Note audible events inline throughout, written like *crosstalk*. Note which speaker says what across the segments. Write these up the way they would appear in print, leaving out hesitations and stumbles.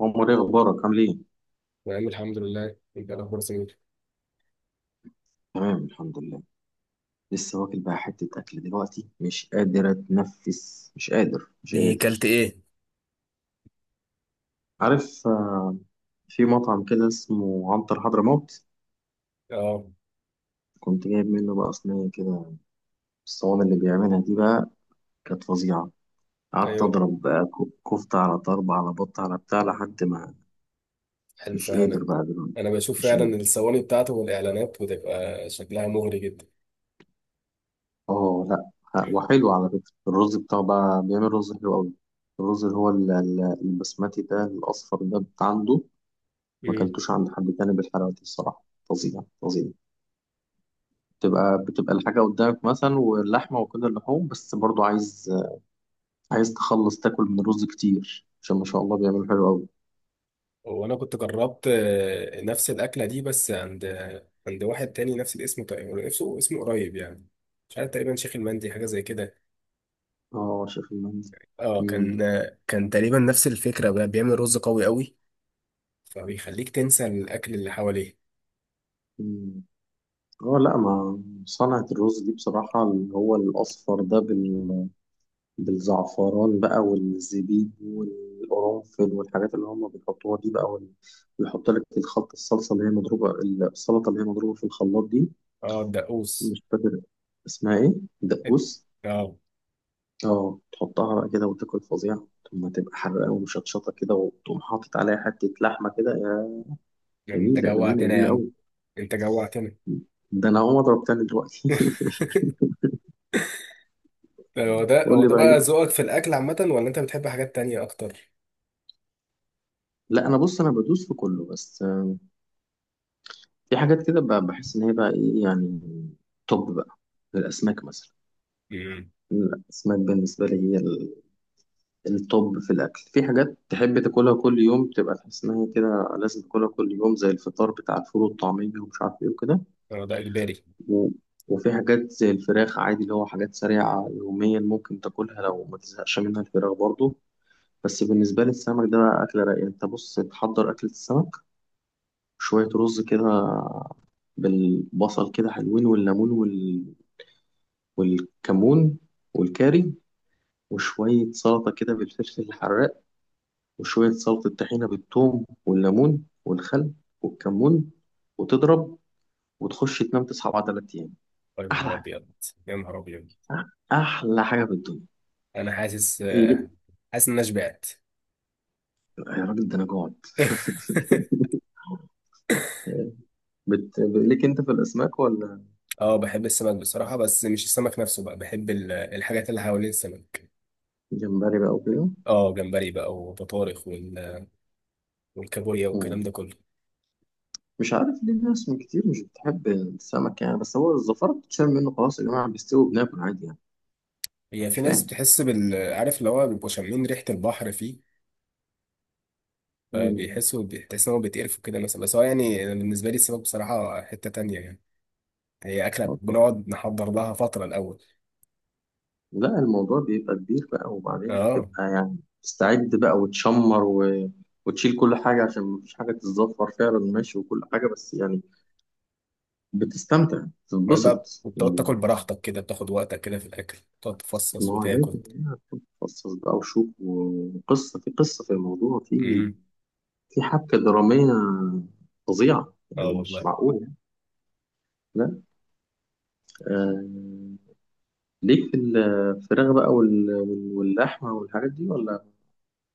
Speaker 1: عمر، ايه اخبارك؟ عامل ايه؟
Speaker 2: نعم، الحمد لله. انت الاخبار سمير؟
Speaker 1: تمام، الحمد لله. لسه واكل بقى حته اكل دلوقتي، مش قادر اتنفس، مش قادر مش
Speaker 2: ايه كلت
Speaker 1: قادر.
Speaker 2: ايه؟
Speaker 1: عارف. في مطعم كده اسمه عنتر حضرموت.
Speaker 2: اه.
Speaker 1: كنت جايب منه بقى صينيه كده، الصواني اللي بيعملها دي بقى كانت فظيعه. قعدت
Speaker 2: ايوه،
Speaker 1: اضرب بقى كفته على طرب على بط على بتاع لحد ما
Speaker 2: الف
Speaker 1: مش
Speaker 2: هنا.
Speaker 1: قادر بقى دلوقتي.
Speaker 2: انا بشوف
Speaker 1: مش قادر.
Speaker 2: فعلا الثواني بتاعته والاعلانات بتبقى شكلها مغري جدا.
Speaker 1: اه، لا. وحلو على فكره. الرز بتاعه بقى بيعمل رز حلو قوي. الرز اللي هو البسمتي ده الأصفر ده بتاع عنده. ما
Speaker 2: امم.
Speaker 1: اكلتوش عند حد تاني بالحلاوه دي الصراحه. فظيع فظيع. بتبقى الحاجه قدامك مثلا واللحمه وكل اللحوم، بس برضو عايز عايز تخلص تاكل من الرز كتير عشان ما شاء الله بيعملوا حلو قوي.
Speaker 2: وانا كنت جربت نفس الاكله دي، بس عند واحد تاني نفس الاسم تقريبا، نفسه اسمه قريب يعني. مش عارف، تقريبا شيخ المندي حاجه زي كده.
Speaker 1: اه، شايف المندي.
Speaker 2: اه،
Speaker 1: مم.
Speaker 2: كان تقريبا نفس الفكرة بقى، بيعمل رز قوي قوي. فبيخليك تنسى الاكل اللي حواليه.
Speaker 1: مم. اه، لا، ما صنعة الرز دي بصراحة اللي هو الأصفر ده بالزعفران بقى والزبيب والقرنفل والحاجات اللي هم بيحطوها دي بقى ويحط لك الخلطة الصلصة اللي هي مضروبة، السلطة اللي هي مضروبة في الخلاط دي.
Speaker 2: اه، الدقوس.
Speaker 1: مش فاكر اسمها ايه، دقوس.
Speaker 2: اه.
Speaker 1: اه، تحطها بقى كده وتاكل، فظيعة. ثم تبقى حرقة ومشطشطة كده وتقوم حاطط عليها حتة لحمة كده يا
Speaker 2: يعني انت
Speaker 1: جميلة جميلة
Speaker 2: جوعتنا يا
Speaker 1: جميلة
Speaker 2: عم.
Speaker 1: أوي.
Speaker 2: انت جوعتنا.
Speaker 1: ده أنا هقوم أضرب تاني دلوقتي.
Speaker 2: *laughs* هو
Speaker 1: *laughs*
Speaker 2: ده
Speaker 1: قول
Speaker 2: هو
Speaker 1: لي
Speaker 2: ده
Speaker 1: بقى
Speaker 2: بقى
Speaker 1: ليه.
Speaker 2: ذوقك في الاكل عامه، ولا انت بتحب حاجات تانية اكتر؟
Speaker 1: لا، أنا بص أنا بدوس في كله بس. في حاجات كده بحس إن هي بقى إيه يعني، توب بقى. الأسماك مثلا.
Speaker 2: امم.
Speaker 1: الأسماك بالنسبة لي هي التوب في الأكل. في حاجات تحب تاكلها كل يوم تبقى تحس إن هي كده لازم تاكلها كل يوم زي الفطار بتاع الفول والطعمية ومش عارف إيه وكده.
Speaker 2: هو ده اجباري.
Speaker 1: و- وفي حاجات زي الفراخ عادي اللي هو حاجات سريعة يوميا ممكن تاكلها لو ما تزهقش منها، الفراخ برضو. بس بالنسبة للسمك ده بقى أكلة رايقة. أنت بص تحضر أكلة السمك، شوية رز كده، بالبصل كده حلوين، والليمون والكمون والكاري، وشوية سلطة كده بالفلفل الحراق، وشوية سلطة طحينة بالثوم والليمون والخل والكمون، وتضرب وتخش تنام تصحى بعد 3 أيام.
Speaker 2: يا
Speaker 1: أحلى
Speaker 2: نهار
Speaker 1: حاجة.
Speaker 2: ابيض. يا نهار ابيض.
Speaker 1: أحلى حاجة في الدنيا.
Speaker 2: انا حاسس
Speaker 1: إيه؟
Speaker 2: آه، حاسس ان انا شبعت.
Speaker 1: يا راجل ده انا جوعت.
Speaker 2: *laughs*
Speaker 1: ليك انت في الاسماك ولا؟
Speaker 2: اه، بحب السمك بصراحه، بس مش السمك نفسه بقى، بحب الحاجات اللي حوالين السمك.
Speaker 1: جمبري بقى وكده.
Speaker 2: اه، جمبري بقى، وبطارخ، والكابوريا والكلام ده
Speaker 1: مم.
Speaker 2: كله.
Speaker 1: مش عارف ليه ناس من كتير مش بتحب السمك يعني، بس هو الزفارة بتتشال منه خلاص يا جماعة، بيستوي وبناكل عادي يعني.
Speaker 2: هي في
Speaker 1: مش
Speaker 2: ناس
Speaker 1: فاهم.
Speaker 2: بتحس بال، عارف، اللي هو بيبقوا شامين ريحه البحر فيه.
Speaker 1: مم.
Speaker 2: فبيحسوا، بتحس إن هو بيتقرفوا كده مثلا. بس هو يعني، أنا بالنسبة لي السمك بصراحة حتة تانية يعني. هي أكلة
Speaker 1: آه، طبعا.
Speaker 2: بنقعد نحضر لها فترة الأول.
Speaker 1: لا، الموضوع بيبقى كبير بقى، وبعدين
Speaker 2: أه.
Speaker 1: بتبقى يعني تستعد بقى وتشمر وتشيل كل حاجة عشان مفيش حاجة تتزفر فعلا، ماشي. وكل حاجة بس يعني بتستمتع
Speaker 2: وبعدين بقى
Speaker 1: تتبسط
Speaker 2: بتقعد
Speaker 1: يعني.
Speaker 2: تاكل براحتك كده، بتاخد وقتك كده في الأكل، تقعد تفصص
Speaker 1: ما هو لازم
Speaker 2: وتاكل.
Speaker 1: بقى تتخصص بقى وشوف، وقصة في قصة، في الموضوع في
Speaker 2: امم.
Speaker 1: في حبكة درامية فظيعة
Speaker 2: اه
Speaker 1: يعني، مش
Speaker 2: والله.
Speaker 1: معقول يعني. لا. آه. ليك في الفراخ بقى واللحمة والحاجات دي ولا؟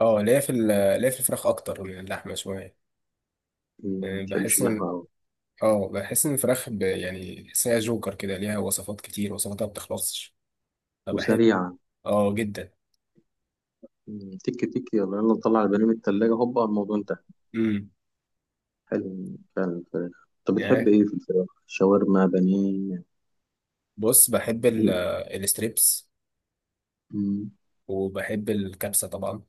Speaker 2: اه، ليا في الفراخ أكتر من اللحمة شوية.
Speaker 1: ما
Speaker 2: يعني
Speaker 1: بتحبش
Speaker 2: بحس إن
Speaker 1: اللحمة أوي.
Speaker 2: اه بحس إن الفراخ يعني بحس إن هي جوكر كده، ليها وصفات كتير، وصفاتها ما بتخلصش. فبحب.
Speaker 1: وسريعة.
Speaker 2: اه جدا.
Speaker 1: تك تك يلا يلا نطلع البانيه من التلاجة، هوبا الموضوع انتهى.
Speaker 2: امم.
Speaker 1: حلو فعلا الفراخ. طب بتحب
Speaker 2: يعني،
Speaker 1: ايه في الفراخ؟ شاورما، بانيه، يعني؟
Speaker 2: بص، بحب
Speaker 1: إيه؟
Speaker 2: الستريبس.
Speaker 1: مم.
Speaker 2: وبحب الكبسة طبعا.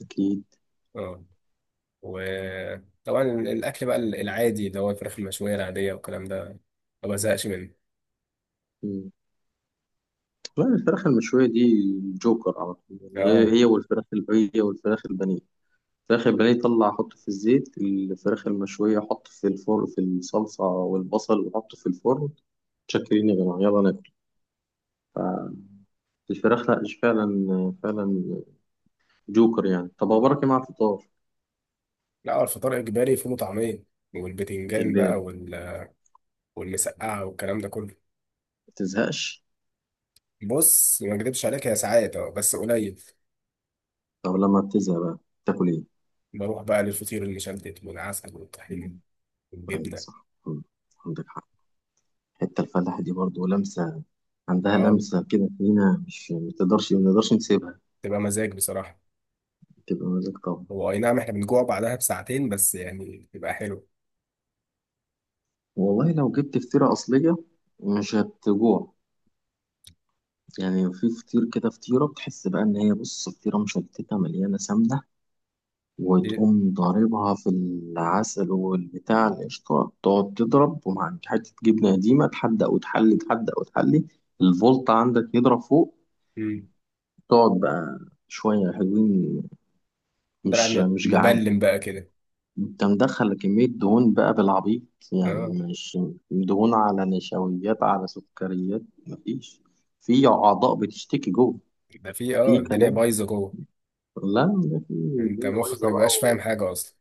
Speaker 1: أكيد.
Speaker 2: اه. وطبعا الأكل بقى العادي، اللي هو الفراخ المشوية العادية والكلام ده. ما بزهقش منه.
Speaker 1: لا، الفراخ المشوية دي جوكر على طول يعني.
Speaker 2: اه
Speaker 1: هي والفراخ البانيه. الفراخ البانيه طلع حط في الزيت. الفراخ المشوية حط في الفرن في الصلصة والبصل وحط في الفرن. تشكرين يا جماعة يلا ناكل. الفراخ لا، مش فعلا فعلا جوكر يعني. طب أبو بركة مع الفطار؟
Speaker 2: لا، هو الفطار إجباري، فول وطعمية، والبتنجان بقى
Speaker 1: إجباري.
Speaker 2: والمسقعة والكلام ده كله.
Speaker 1: ما تزهقش.
Speaker 2: بص، ما اكدبش عليك، هي ساعات اه بس قليل.
Speaker 1: طب لما بتزهق بقى تاكل إيه؟
Speaker 2: بروح بقى للفطير المشلتت والعسل والطحينة.
Speaker 1: مم. أيوة
Speaker 2: والجبنة.
Speaker 1: صح. مم. عندك حق. حتة الفلاحة دي برضه لمسة، عندها
Speaker 2: اه،
Speaker 1: لمسة كده فينا، مش ما تقدرش ما نقدرش نسيبها.
Speaker 2: تبقى مزاج بصراحة.
Speaker 1: تبقى مزاج طبعا.
Speaker 2: هو أي نعم، احنا بنجوع بعدها بساعتين، بس يعني بيبقى حلو.
Speaker 1: والله لو جبت فطيرة أصلية مش هتجوع. يعني في فطير كده، فطيرة بتحس بقى إن هي بص فطيرة مشلتتة مليانة سمنة،
Speaker 2: دي-
Speaker 1: وتقوم ضاربها في العسل والبتاع القشطة، تقعد تضرب، ومع حتة جبنة قديمة، تحدق وتحلي تحدق وتحلي. الفولت عندك يضرب فوق،
Speaker 2: مم.
Speaker 1: تقعد بقى شوية حلوين،
Speaker 2: طلع
Speaker 1: مش
Speaker 2: م-
Speaker 1: مش جعان.
Speaker 2: مبلم بقى كده.
Speaker 1: انت مدخل كمية دهون بقى بالعبيط،
Speaker 2: اه،
Speaker 1: يعني مش، دهون على نشويات على سكريات. مفيش. في أعضاء بتشتكي جوه.
Speaker 2: ده في
Speaker 1: في
Speaker 2: الدنيا
Speaker 1: كلام.
Speaker 2: بايظه جوه.
Speaker 1: لا، ده في
Speaker 2: انت
Speaker 1: الدنيا
Speaker 2: مخك ما
Speaker 1: بايظة بقى
Speaker 2: بيبقاش فاهم حاجه اصلا.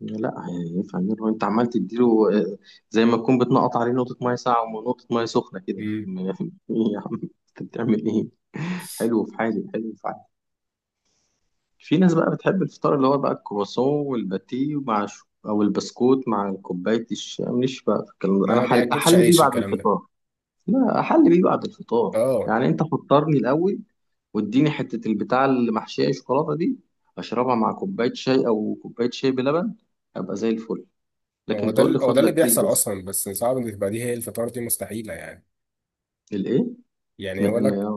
Speaker 1: لا هيفهم، يعني انت عمال تديله. آه، زي ما تكون بتنقط عليه نقطة مية ساقعة ونقطة مية سخنة كده.
Speaker 2: امم.
Speaker 1: *laughs* يا عم انت بتعمل ايه؟ حلو في حالي، حلو في. في ناس بقى بتحب الفطار اللي هو بقى الكرواسون والباتيه مع او البسكوت مع كوبايه الشاي. ماليش بقى في الكلام ده. انا
Speaker 2: ما بياكلش
Speaker 1: احل بيه
Speaker 2: عيش
Speaker 1: بعد
Speaker 2: الكلام ده.
Speaker 1: الفطار. لا، احل بيه بعد الفطار.
Speaker 2: اه.
Speaker 1: يعني انت فطرني الاول، واديني حته البتاع اللي محشيه شوكولاته دي، اشربها مع كوبايه شاي او كوبايه شاي بلبن، ابقى زي الفل.
Speaker 2: هو
Speaker 1: لكن
Speaker 2: ده
Speaker 1: تقول لي
Speaker 2: ال- هو
Speaker 1: خد
Speaker 2: ده اللي
Speaker 1: لك كيس
Speaker 2: بيحصل
Speaker 1: بس؟
Speaker 2: اصلا. بس صعب ان تبقى دي هي الفطار، دي مستحيله يعني.
Speaker 1: الايه؟
Speaker 2: يعني يقول
Speaker 1: لان
Speaker 2: لك،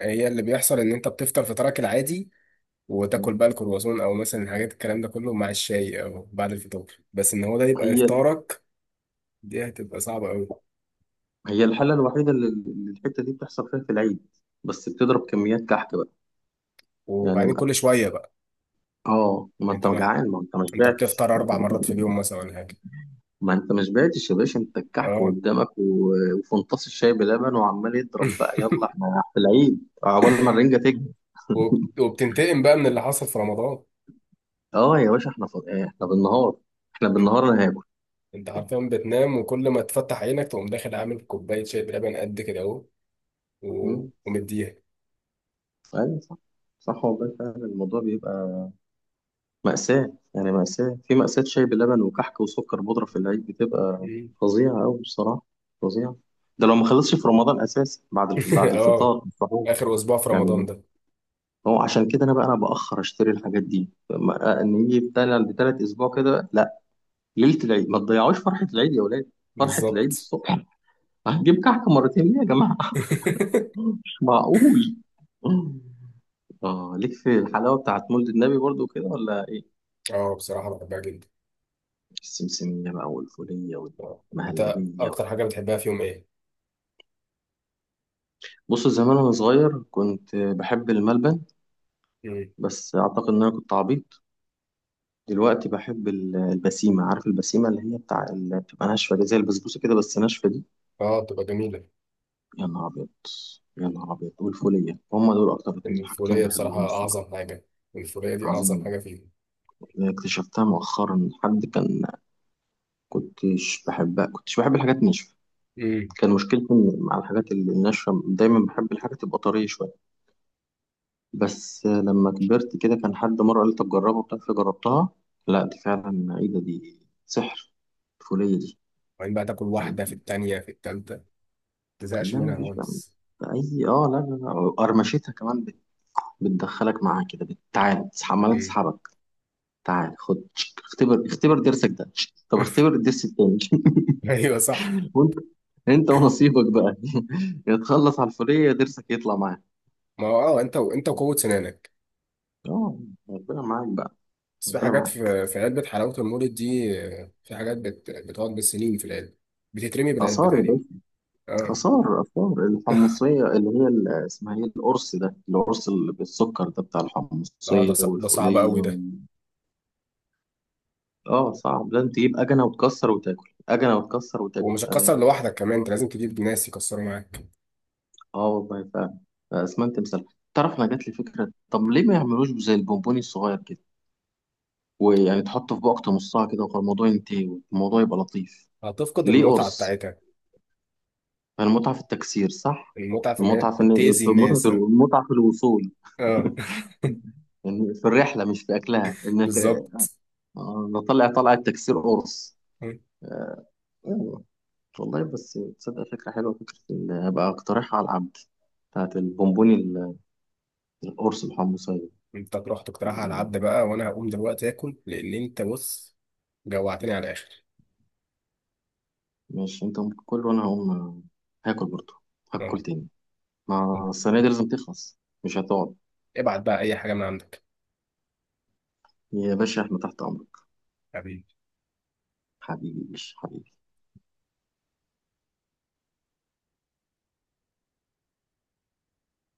Speaker 2: هي اللي بيحصل ان انت بتفطر فطارك العادي، وتاكل بقى الكرواسون او مثلا الحاجات الكلام ده كله مع الشاي او بعد الفطار، بس ان هو ده يبقى
Speaker 1: هي،
Speaker 2: افطارك. دي هتبقى صعبه قوي.
Speaker 1: هي الحاله الوحيده اللي الحته دي بتحصل فيها في العيد، بس بتضرب كميات كحك بقى، يعني.
Speaker 2: وبعدين كل شويه بقى.
Speaker 1: اه ما
Speaker 2: انت
Speaker 1: انت
Speaker 2: ما
Speaker 1: جعان، ما انت ما
Speaker 2: انت
Speaker 1: شبعتش.
Speaker 2: بتفطر
Speaker 1: *laughs*
Speaker 2: اربع مرات في اليوم مثلا ولا حاجه؟
Speaker 1: ما انت ما شبعتش يا باشا، انت الكحك
Speaker 2: اه.
Speaker 1: قدامك وفنطاس الشاي بلبن وعمال يضرب بقى،
Speaker 2: *laughs*
Speaker 1: يلا احنا في العيد عقبال ما الرنجه تكبر.
Speaker 2: وبتنتقم بقى من اللي حصل في رمضان.
Speaker 1: اه يا باشا احنا احنا بالنهار احنا بالنهار انا هاكل.
Speaker 2: انت عارفين بتنام، وكل ما تفتح عينك تقوم داخل عامل كوبايه شاي بلبن قد كده اهو،
Speaker 1: مم.
Speaker 2: ومديها.
Speaker 1: ايوه صح. صح والله فعلا الموضوع بيبقى مأساة يعني، مأساة في مأساة، شاي بلبن وكحك وسكر بودرة في العيد بتبقى
Speaker 2: إيه؟
Speaker 1: فظيعة أوي بصراحة. فظيعة. ده لو ما خلصش في رمضان أساسا، بعد بعد
Speaker 2: *laughs* اه،
Speaker 1: الفطار السحور
Speaker 2: اخر اسبوع في رمضان
Speaker 1: يعني.
Speaker 2: ده.
Speaker 1: هو عشان كده انا بقى انا باخر اشتري الحاجات دي، ان يجي بتالت اسبوع كده، لا، ليله العيد. ما تضيعوش فرحه العيد يا ولاد، فرحه العيد
Speaker 2: بالظبط.
Speaker 1: الصبح. هتجيب كحك مرتين ليه يا جماعه؟ *laughs*
Speaker 2: *laughs*
Speaker 1: مش معقول. اه، ليك في الحلاوه بتاعت مولد النبي برضو كده ولا ايه؟
Speaker 2: اه، بصراحه بحبها جدا.
Speaker 1: السمسميه بقى والفوليه
Speaker 2: آه. انت
Speaker 1: والمهلبيه
Speaker 2: اكتر حاجه بتحبها في يوم ايه؟
Speaker 1: بص زمان وانا صغير كنت بحب الملبن،
Speaker 2: مم.
Speaker 1: بس اعتقد ان انا كنت عبيط. دلوقتي بحب البسيمه. عارف البسيمه اللي هي بتاع اللي بتبقى ناشفه دي، زي البسبوسه كده بس ناشفه دي.
Speaker 2: اه، بتبقى جميله.
Speaker 1: يا نهار أبيض. يا نهار أبيض. والفولية هما دول أكتر اتنين حاجتين
Speaker 2: الفوليه
Speaker 1: بحبهم
Speaker 2: بصراحه
Speaker 1: الصراحة.
Speaker 2: اعظم حاجه. الفوليه دي اعظم
Speaker 1: عظيم.
Speaker 2: حاجه فيهم.
Speaker 1: اكتشفتها مؤخرا. حد كان كنتش بحبها، كنتش بحب الحاجات ناشفة،
Speaker 2: امم.
Speaker 1: كان مشكلتي مع الحاجات اللي ناشفة، دايما بحب الحاجات تبقى طرية شوية. بس لما كبرت كده كان حد مرة قال لي طب جربها وبتاع، فجربتها. لا دي فعلا ايه ده، دي سحر الفولية دي.
Speaker 2: وبعدين بقى تاكل واحده في التانيه في التالته ما تزهقش
Speaker 1: لا
Speaker 2: منها
Speaker 1: مفيش بقى
Speaker 2: خالص.
Speaker 1: بأي، اه لا لا لا. قرمشتها كمان بتدخلك معاها كده، بتعال عمالة
Speaker 2: مم.
Speaker 1: تسحبك. تعال خد تشك. اختبر اختبر درسك، ده تشك. طب اختبر
Speaker 2: *laughs*
Speaker 1: الدرس التاني.
Speaker 2: ايوه، صح.
Speaker 1: *laughs* وانت انت ونصيبك بقى. *laughs* يا تخلص على الفلية يا درسك يطلع معاك.
Speaker 2: ما هو انت وقوه سنانك.
Speaker 1: اه. ربنا معاك بقى.
Speaker 2: بس في
Speaker 1: ربنا
Speaker 2: حاجات
Speaker 1: معاك.
Speaker 2: في علبة حلاوة المولد دي، في حاجات بتقعد بالسنين في العلبة. بتترمي بالعلبة
Speaker 1: آثار يا
Speaker 2: تقريبا.
Speaker 1: باشا.
Speaker 2: اه.
Speaker 1: آثار آثار
Speaker 2: *laughs*
Speaker 1: الحمصية اللي هي اسمها ايه، القرص ده، القرص اللي بالسكر ده بتاع
Speaker 2: اه، ده
Speaker 1: الحمصية
Speaker 2: ص... ده صعب
Speaker 1: والفولية
Speaker 2: قوي ده.
Speaker 1: اه صعب ده، انت تجيب أجنة وتكسر وتاكل، أجنة وتكسر وتاكل،
Speaker 2: ومش هتكسر لوحدك كمان، انت لازم تجيب ناس يكسروا معاك.
Speaker 1: اه والله فعلا. اسمنت تمثال. تعرف انا جات لي فكره، طب ليه ما يعملوش زي البونبوني الصغير كده، ويعني تحطه في بوقت نصها كده، والموضوع ينتهي والموضوع يبقى لطيف.
Speaker 2: هتفقد
Speaker 1: ليه
Speaker 2: المتعة
Speaker 1: قرص؟
Speaker 2: بتاعتها.
Speaker 1: يعني المتعه في التكسير، صح؟
Speaker 2: المتعة في ان هي
Speaker 1: المتعه في إن-
Speaker 2: تأذي
Speaker 1: في المتعه
Speaker 2: الناس
Speaker 1: في
Speaker 2: اه.
Speaker 1: المتعه في الوصول. *laughs*
Speaker 2: آه.
Speaker 1: يعني في الرحله، مش في اكلها،
Speaker 2: *laughs*
Speaker 1: انك
Speaker 2: بالظبط.
Speaker 1: نطلع، طلع التكسير قرص.
Speaker 2: م.
Speaker 1: آه، أيوة. والله بس تصدق فكره حلوه، فكره هبقى اقترحها على العبد. بتاعت البونبوني القرص الحمصيه.
Speaker 2: انت تروح تقترحها على العبد بقى، وانا هقوم دلوقتي اكل لان انت بص جوعتني على الاخر.
Speaker 1: ماشي انت قوم كل وانا هقوم هاكل برضه، هاكل
Speaker 2: آه.
Speaker 1: تاني.
Speaker 2: آه.
Speaker 1: ما الصينية دي لازم تخلص، مش هتقعد.
Speaker 2: ابعت بقى اي حاجة من عندك.
Speaker 1: يا باشا احنا تحت امرك.
Speaker 2: حبيبي.
Speaker 1: حبيبي. يا باشا حبيبي.